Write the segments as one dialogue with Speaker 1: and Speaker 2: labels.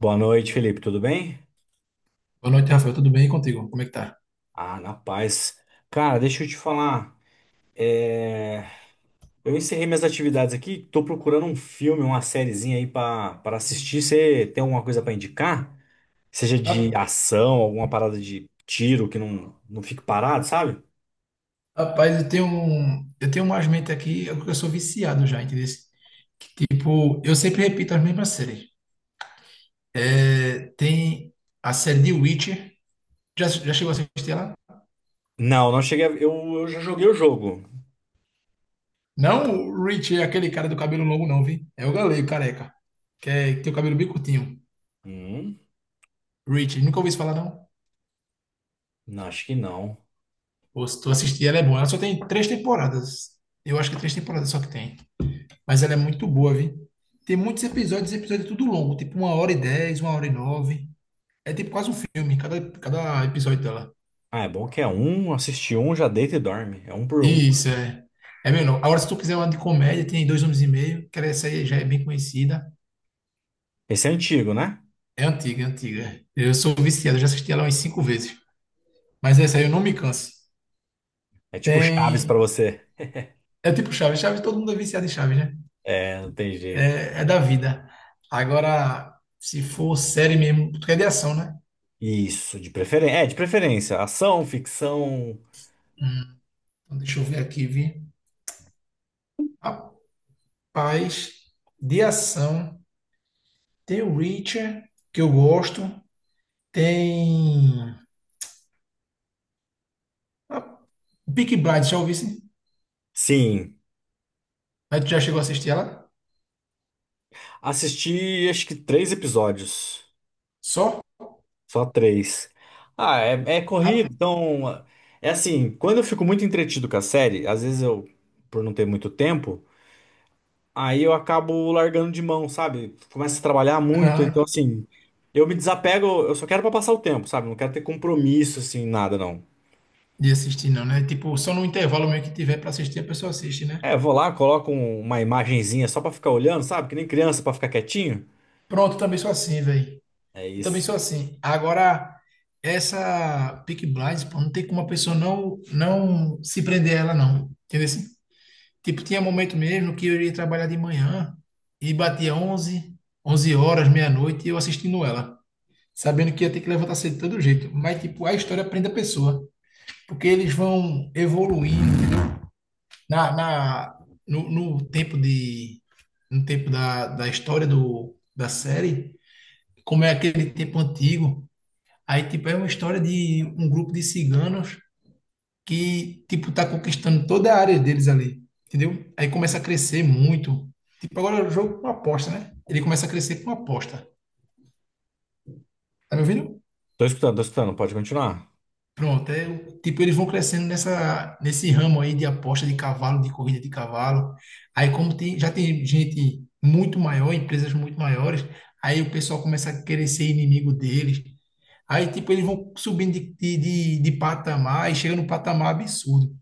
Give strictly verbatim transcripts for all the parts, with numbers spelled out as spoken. Speaker 1: Boa noite, Felipe. Tudo bem?
Speaker 2: Boa noite, Rafael. Tudo bem? E contigo? Como é que tá?
Speaker 1: Ah, na paz. Cara, deixa eu te falar. é, Eu encerrei minhas atividades aqui. Tô procurando um filme, uma sériezinha aí pra para assistir. Você tem alguma coisa pra indicar? Seja de
Speaker 2: Ra-
Speaker 1: ação, alguma parada de tiro que não, não fique parado, sabe?
Speaker 2: Rapaz, eu tenho um, eu tenho umas mentes aqui, eu eu sou viciado já, entendeu? Tipo, eu sempre repito as mesmas séries. É, tem a série de Witcher. Já, já chegou a assistir ela?
Speaker 1: Não, não cheguei. a- Eu, eu já joguei o jogo.
Speaker 2: Não, o Rich, é aquele cara do cabelo longo, não, vi? É o galego, careca. Que, é, que tem o cabelo bem curtinho.
Speaker 1: Hum,
Speaker 2: Rich, nunca ouvi isso falar, não?
Speaker 1: não, acho que não.
Speaker 2: Pô, se tu assistir, ela é boa. Ela só tem três temporadas. Eu acho que três temporadas só que tem. Mas ela é muito boa, viu? Tem muitos episódios, episódio é tudo longo, tipo uma hora e dez, uma hora e nove. É tipo quase um filme, cada, cada episódio dela.
Speaker 1: Ah, é bom que é um, assiste um, já deita e dorme. É um por um.
Speaker 2: Isso, é. É menor. Agora, se tu quiser uma de comédia, tem Dois Anos e Meio, que essa aí já é bem conhecida.
Speaker 1: Esse é antigo, né?
Speaker 2: É antiga, é antiga. Eu sou viciado, eu já assisti ela umas cinco vezes. Mas essa aí eu não me canso.
Speaker 1: É tipo Chaves pra
Speaker 2: Tem.
Speaker 1: você.
Speaker 2: É tipo Chaves, Chaves, todo mundo é viciado em Chaves, né?
Speaker 1: É, não tem jeito.
Speaker 2: É, é da vida. Agora, se for série mesmo, porque é de ação, né?
Speaker 1: Isso, de preferência. É, de preferência. Ação, ficção.
Speaker 2: Então, deixa eu ver aqui, vi. Paz, de ação. Tem o Reacher, que eu gosto. Tem. A Peaky Blinders, já ouvi? Sim?
Speaker 1: Sim.
Speaker 2: Mas tu já chegou a assistir ela?
Speaker 1: Assisti acho que três episódios.
Speaker 2: Só?
Speaker 1: Só três. Ah, é, é corrido,
Speaker 2: Ah,
Speaker 1: então. É assim, quando eu fico muito entretido com a série, às vezes eu, por não ter muito tempo, aí eu acabo largando de mão, sabe? Começo a trabalhar muito, então
Speaker 2: ah,
Speaker 1: assim, eu me desapego, eu só quero pra passar o tempo, sabe? Não quero ter compromisso, assim, nada, não.
Speaker 2: de assistir não, né? Tipo, só no intervalo mesmo que tiver pra assistir, a pessoa assiste, né?
Speaker 1: É, eu vou lá, coloco um- uma imagenzinha só pra ficar olhando, sabe? Que nem criança pra ficar quietinho.
Speaker 2: Pronto, eu também sou assim, velho.
Speaker 1: É
Speaker 2: Eu também
Speaker 1: isso.
Speaker 2: sou assim. Agora, essa Peaky Blinders, pô, não tem como a pessoa não, não se prender a ela, não. Entendeu assim? Tipo, tinha momento mesmo que eu ia trabalhar de manhã e batia onze, onze horas, meia-noite, e eu assistindo ela, sabendo que ia ter que levantar cedo de todo jeito. Mas, tipo, a história prende a pessoa, porque eles vão evoluindo na, na, no, no tempo de, no tempo da, da história do, da série, como é aquele tempo antigo. Aí, tipo, é uma história de um grupo de ciganos que, tipo, tá conquistando toda a área deles ali, entendeu? Aí começa a crescer muito. Tipo, agora é o jogo com aposta, né? Ele começa a crescer com aposta. Tá me ouvindo?
Speaker 1: Tô escutando, tô escutando, pode continuar.
Speaker 2: Pronto, é, o- tipo, eles vão crescendo nessa, nesse ramo aí de aposta de cavalo, de corrida de cavalo. Aí como tem, já tem gente muito maior, empresas muito maiores, aí o pessoal começa a querer ser inimigo deles. Aí, tipo, eles vão subindo de, de, de, de patamar e chega num patamar absurdo.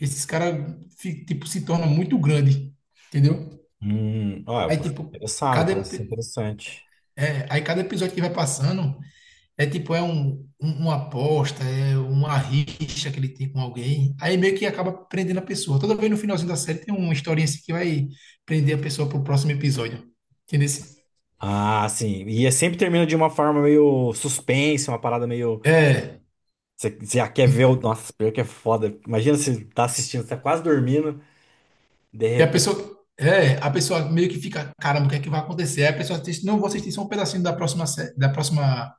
Speaker 2: Esses caras, fi- tipo, se tornam muito grande, entendeu?
Speaker 1: Hum, ó, eu
Speaker 2: Aí,
Speaker 1: tô
Speaker 2: tipo,
Speaker 1: interessado,
Speaker 2: cada,
Speaker 1: parece ser
Speaker 2: epi-
Speaker 1: interessante.
Speaker 2: é, aí cada episódio que vai passando é, tipo, é um, um- uma aposta, é uma rixa que ele tem com alguém. Aí meio que acaba prendendo a pessoa. Toda vez no finalzinho da série tem uma historinha assim que vai prender a pessoa pro próximo episódio. Entendeu?
Speaker 1: Ah, sim. E é sempre termina de uma forma meio suspense, uma parada meio.
Speaker 2: É.
Speaker 1: Você você já quer ver o. Nossa, pior que é foda. Imagina você tá assistindo, você tá quase dormindo, de
Speaker 2: E a
Speaker 1: repente.
Speaker 2: pessoa, é, a pessoa meio que fica, caramba, o que é que vai acontecer? Aí a pessoa assiste, não, vou assistir só um pedacinho da próxima, sé- da próxima,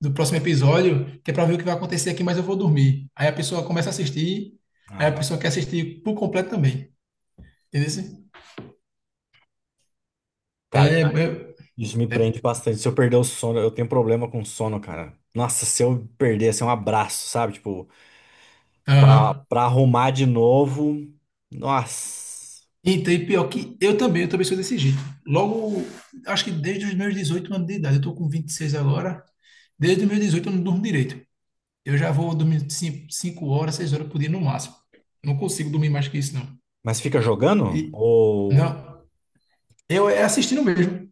Speaker 2: do próximo episódio, que é para ver o que vai acontecer aqui, mas eu vou dormir. Aí a pessoa começa a assistir, aí
Speaker 1: Ah,
Speaker 2: a
Speaker 1: não.
Speaker 2: pessoa quer assistir por completo também. Entendeu? Assim? É,
Speaker 1: Cara,
Speaker 2: é,
Speaker 1: cara, isso me
Speaker 2: é,
Speaker 1: prende bastante. Se eu perder o sono, eu tenho problema com sono, cara. Nossa, se eu perder, assim, um abraço, sabe? Tipo, pra,
Speaker 2: aham.
Speaker 1: pra arrumar de novo. Nossa.
Speaker 2: Então, e pior que eu também, eu também sou desse jeito. Logo, acho que desde os meus dezoito anos de idade, eu tô com vinte e seis agora, desde os meus dezoito eu não durmo direito. Eu já vou dormir cinco horas, seis horas por dia no máximo. Não consigo dormir mais que isso, não.
Speaker 1: Mas fica jogando?
Speaker 2: E,
Speaker 1: Ou.
Speaker 2: não, eu é assistindo mesmo.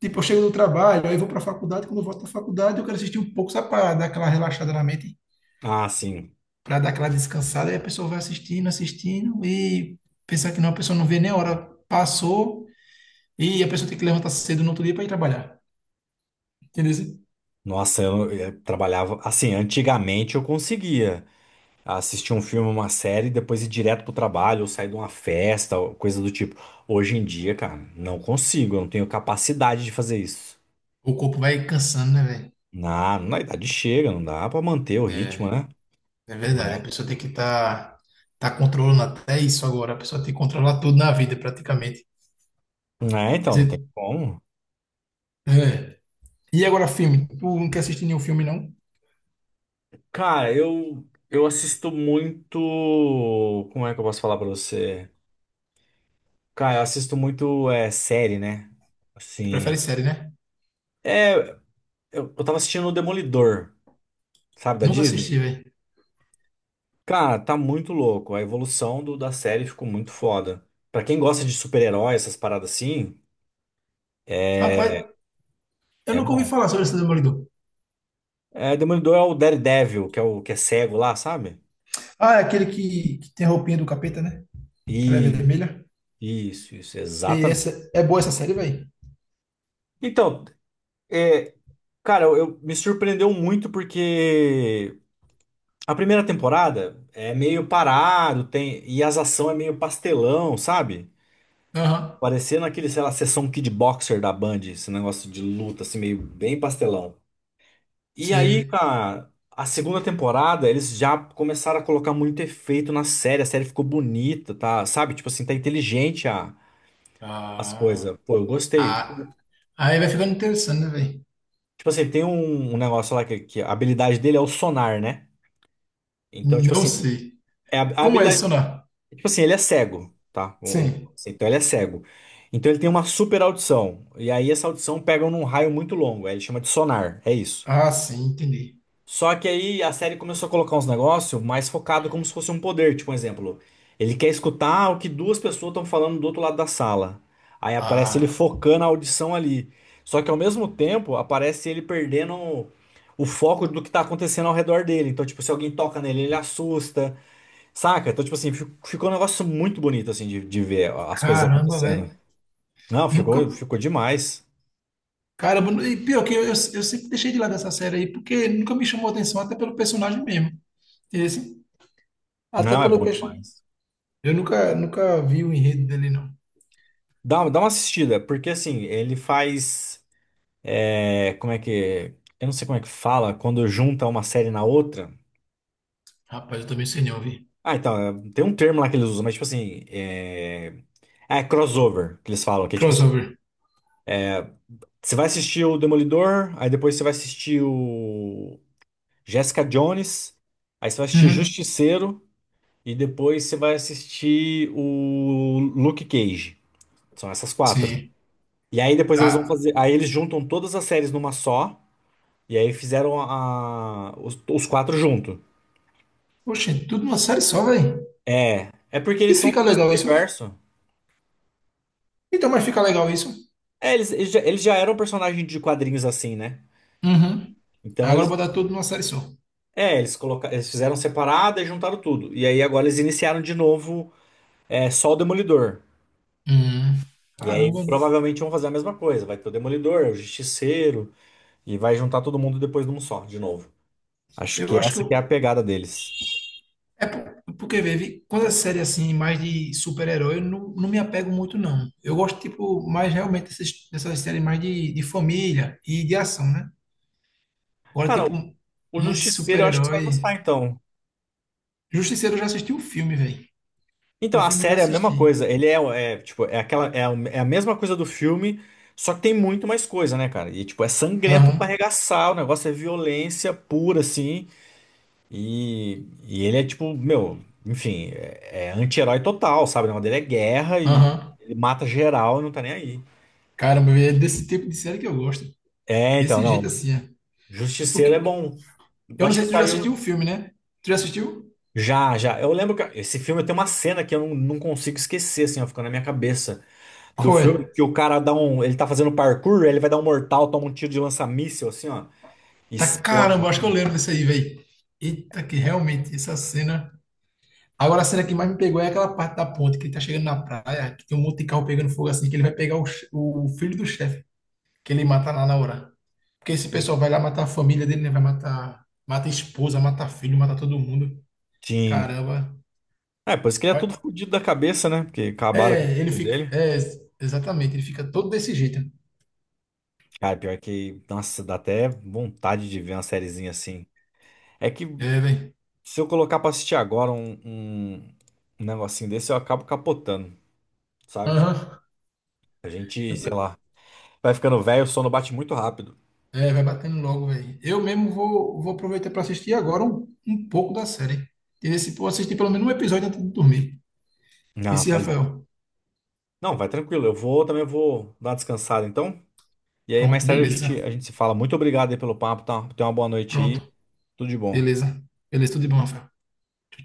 Speaker 2: Tipo, eu chego do trabalho, aí eu vou para a faculdade, quando eu volto da faculdade, eu quero assistir um pouco, só para dar aquela relaxada na mente,
Speaker 1: Ah, sim.
Speaker 2: para dar aquela descansada, aí a pessoa vai assistindo, assistindo, e pensar que não, a pessoa não vê nem a hora passou, e a pessoa tem que levantar cedo no outro dia para ir trabalhar. Entendeu?
Speaker 1: Nossa, eu, eu trabalhava. Assim, antigamente eu conseguia assistir um filme, uma série, depois ir direto pro trabalho, ou sair de uma festa, ou coisa do tipo. Hoje em dia, cara, não consigo, eu não tenho capacidade de fazer isso.
Speaker 2: O corpo vai cansando, né, velho?
Speaker 1: Na, na idade chega, não dá pra manter o ritmo,
Speaker 2: É.
Speaker 1: né?
Speaker 2: É verdade, a pessoa tem que estar tá, tá controlando até isso agora. A pessoa tem que controlar tudo na vida, praticamente.
Speaker 1: Não é,
Speaker 2: Quer
Speaker 1: então, não tem
Speaker 2: dizer,
Speaker 1: como.
Speaker 2: é. E agora, filme? Tu não quer assistir nenhum filme, não?
Speaker 1: Cara, eu, eu assisto muito. Como é que eu posso falar pra você? Cara, eu assisto muito é, série, né?
Speaker 2: Tu prefere
Speaker 1: Assim.
Speaker 2: série, né?
Speaker 1: É, eu, eu tava assistindo o Demolidor, sabe, da
Speaker 2: Nunca
Speaker 1: Disney.
Speaker 2: assisti, velho.
Speaker 1: Cara, tá muito louco. A evolução do, da série ficou muito foda. Pra quem gosta de super-herói, essas paradas assim, é,
Speaker 2: Rapaz, eu
Speaker 1: é
Speaker 2: nunca ouvi
Speaker 1: bom.
Speaker 2: falar sobre esse Demolidor.
Speaker 1: É, Demolidor é o Daredevil, que é o que é cego lá, sabe?
Speaker 2: Ah, é aquele que, que tem a roupinha do capeta, né? Que ela é
Speaker 1: E
Speaker 2: vermelha.
Speaker 1: isso, isso,
Speaker 2: E
Speaker 1: exatamente.
Speaker 2: essa, é boa essa série, velho?
Speaker 1: Então, é, cara, eu, eu- me surpreendeu muito porque a primeira temporada é meio parado, tem e as ações é meio pastelão, sabe?
Speaker 2: Aham,
Speaker 1: Parecendo aquele, sei lá, sessão Kid Boxer da Band, esse negócio de luta, assim, meio bem pastelão. E aí,
Speaker 2: sei.
Speaker 1: cara, a segunda temporada, eles já começaram a colocar muito efeito na série. A série ficou bonita, tá? Sabe? Tipo assim, tá inteligente a, as
Speaker 2: Ah,
Speaker 1: coisas. Pô, eu gostei.
Speaker 2: ah, aí vai ficando interessante, né, velho?
Speaker 1: Tipo assim, tem um, um negócio lá que, que a habilidade dele é o sonar, né? Então, tipo
Speaker 2: Não
Speaker 1: assim,
Speaker 2: sei.
Speaker 1: é a, a
Speaker 2: Como é isso,
Speaker 1: habilidade.
Speaker 2: sonar?
Speaker 1: Tipo assim, ele é cego, tá? O- o-
Speaker 2: Sim.
Speaker 1: assim, então ele é cego. Então ele tem uma super audição. E aí essa audição pega num raio muito longo. Aí ele chama de sonar. É isso.
Speaker 2: Ah, sim, entendi.
Speaker 1: Só que aí a série começou a colocar uns negócios mais focado como se fosse um poder, tipo um exemplo. Ele quer escutar o que duas pessoas estão falando do outro lado da sala. Aí aparece ele
Speaker 2: Ah.
Speaker 1: focando a audição ali. Só que ao mesmo tempo aparece ele perdendo o foco do que tá acontecendo ao redor dele. Então, tipo, se alguém toca nele, ele assusta, saca? Então, tipo assim, fi- ficou um negócio muito bonito assim de, de ver as coisas
Speaker 2: Caramba,
Speaker 1: acontecendo.
Speaker 2: velho.
Speaker 1: Não,
Speaker 2: Nunca.
Speaker 1: ficou, ficou demais.
Speaker 2: Caramba, e pior que eu, eu, eu sempre deixei de lado essa série aí, porque nunca me chamou atenção, até pelo personagem mesmo. Esse, até
Speaker 1: Não, é
Speaker 2: pelo
Speaker 1: bom
Speaker 2: peixe.
Speaker 1: demais.
Speaker 2: Eu nunca, nunca vi o enredo dele, não.
Speaker 1: Dá, dá uma assistida, porque assim, ele faz. É, como é que. Eu não sei como é que fala quando junta uma série na outra.
Speaker 2: Rapaz, eu também sei não, vi.
Speaker 1: Ah, então, é, tem um termo lá que eles usam, mas tipo assim. É, é crossover que eles falam, que é tipo assim.
Speaker 2: Crossover.
Speaker 1: Você vai assistir o Demolidor, aí depois você vai assistir o Jessica Jones, aí você vai assistir
Speaker 2: Uhum.
Speaker 1: Justiceiro, e depois você vai assistir o Luke Cage. São essas quatro.
Speaker 2: Sim.
Speaker 1: E aí depois eles vão
Speaker 2: Ah,
Speaker 1: fazer. Aí eles juntam todas as séries numa só, e aí fizeram a, os, os quatro junto.
Speaker 2: poxa, tudo numa série só, velho.
Speaker 1: É, é porque
Speaker 2: E
Speaker 1: eles são do
Speaker 2: fica
Speaker 1: mesmo
Speaker 2: legal isso.
Speaker 1: universo.
Speaker 2: Então, mas fica legal isso.
Speaker 1: É, eles, eles já, eles já eram personagens de quadrinhos assim, né?
Speaker 2: Uhum.
Speaker 1: Então
Speaker 2: Agora
Speaker 1: eles,
Speaker 2: botar tudo numa série só.
Speaker 1: é, eles colocaram, eles fizeram separada e juntaram tudo. E aí agora eles iniciaram de novo, é, só o Demolidor.
Speaker 2: Uhum.
Speaker 1: E aí
Speaker 2: Caramba,
Speaker 1: provavelmente vão fazer a mesma coisa. Vai ter o Demolidor, o Justiceiro e vai juntar todo mundo depois num só, de novo. Acho
Speaker 2: eu
Speaker 1: que
Speaker 2: acho que
Speaker 1: essa que é a
Speaker 2: eu,
Speaker 1: pegada deles.
Speaker 2: é por- porque, vê, vi- quando é série assim, mais de super-herói, eu não, não me apego muito, não. Eu gosto, tipo, mais realmente dessas, dessas séries mais de, de família e de ação, né? Agora,
Speaker 1: Cara,
Speaker 2: tipo,
Speaker 1: o
Speaker 2: muito
Speaker 1: Justiceiro eu acho que você vai gostar
Speaker 2: super-herói.
Speaker 1: então.
Speaker 2: Justiceiro eu já assisti o filme, velho.
Speaker 1: Então,
Speaker 2: O
Speaker 1: a
Speaker 2: filme eu já
Speaker 1: série é a mesma
Speaker 2: assisti.
Speaker 1: coisa. Ele é, é, tipo, é aquela, é, a é a mesma coisa do filme, só que tem muito mais coisa, né, cara? E, tipo, é sangrento pra
Speaker 2: Aham,
Speaker 1: arregaçar, o negócio é violência pura, assim. E, e ele é, tipo, meu, enfim, é, é anti-herói total, sabe? O negócio dele é guerra e
Speaker 2: aham.
Speaker 1: ele mata geral e não tá nem aí.
Speaker 2: Caramba, véi, é desse tipo de série que eu gosto.
Speaker 1: É, então,
Speaker 2: Desse
Speaker 1: não.
Speaker 2: jeito assim, é.
Speaker 1: Justiceiro é
Speaker 2: Porque,
Speaker 1: bom. Eu
Speaker 2: eu não
Speaker 1: acho
Speaker 2: sei
Speaker 1: que
Speaker 2: se tu já
Speaker 1: saiu
Speaker 2: assistiu o filme, né? Tu já assistiu?
Speaker 1: já, já. Eu lembro que esse filme tem uma cena que eu não, não consigo esquecer, assim, ó, ficou na minha cabeça. Do
Speaker 2: Qual
Speaker 1: filme,
Speaker 2: é?
Speaker 1: que o cara dá um. Ele tá fazendo parkour, ele vai dar um mortal, toma um tiro de lança-míssil, assim, ó. E
Speaker 2: Tá,
Speaker 1: explode,
Speaker 2: caramba, acho que eu
Speaker 1: cara.
Speaker 2: lembro desse aí, velho. Eita, que realmente, essa cena. Agora a cena que mais me pegou é aquela parte da ponte, que ele tá chegando na praia, que tem um monte de carro pegando fogo assim, que ele vai pegar o, che- o filho do chefe, que ele mata lá na hora. Porque esse pessoal vai lá matar a família dele, né? Vai matar, mata a esposa, mata filho, mata todo mundo.
Speaker 1: Sim.
Speaker 2: Caramba.
Speaker 1: É, por isso que ele é todo
Speaker 2: Olha.
Speaker 1: fodido da cabeça, né? Porque acabaram com a
Speaker 2: É, ele
Speaker 1: vida
Speaker 2: fica.
Speaker 1: dele.
Speaker 2: É, exatamente, ele fica todo desse jeito.
Speaker 1: Cara, pior que. Nossa, dá até vontade de ver uma sériezinha assim. É que
Speaker 2: É, velho.
Speaker 1: se eu colocar pra assistir agora um, um, um negocinho desse, eu acabo capotando, sabe? Tipo,
Speaker 2: Aham.
Speaker 1: a gente,
Speaker 2: Eu
Speaker 1: sei lá,
Speaker 2: tô-
Speaker 1: vai ficando velho, o sono bate muito rápido.
Speaker 2: É, vai batendo logo, velho. Eu mesmo vou, vou aproveitar para assistir agora um, um pouco da série. E esse, vou assistir pelo menos um episódio antes de dormir.
Speaker 1: Não,
Speaker 2: Esse,
Speaker 1: faz.
Speaker 2: Rafael.
Speaker 1: Não, vai tranquilo. Eu vou também vou dar uma descansada, então. E aí,
Speaker 2: Pronto,
Speaker 1: mais tarde a
Speaker 2: beleza.
Speaker 1: gente, a gente se fala. Muito obrigado aí pelo papo, tá? Tenha uma boa noite aí.
Speaker 2: Pronto,
Speaker 1: Tudo de bom.
Speaker 2: beleza. Beleza, tudo de bom, Rafael. Tchau, tchau.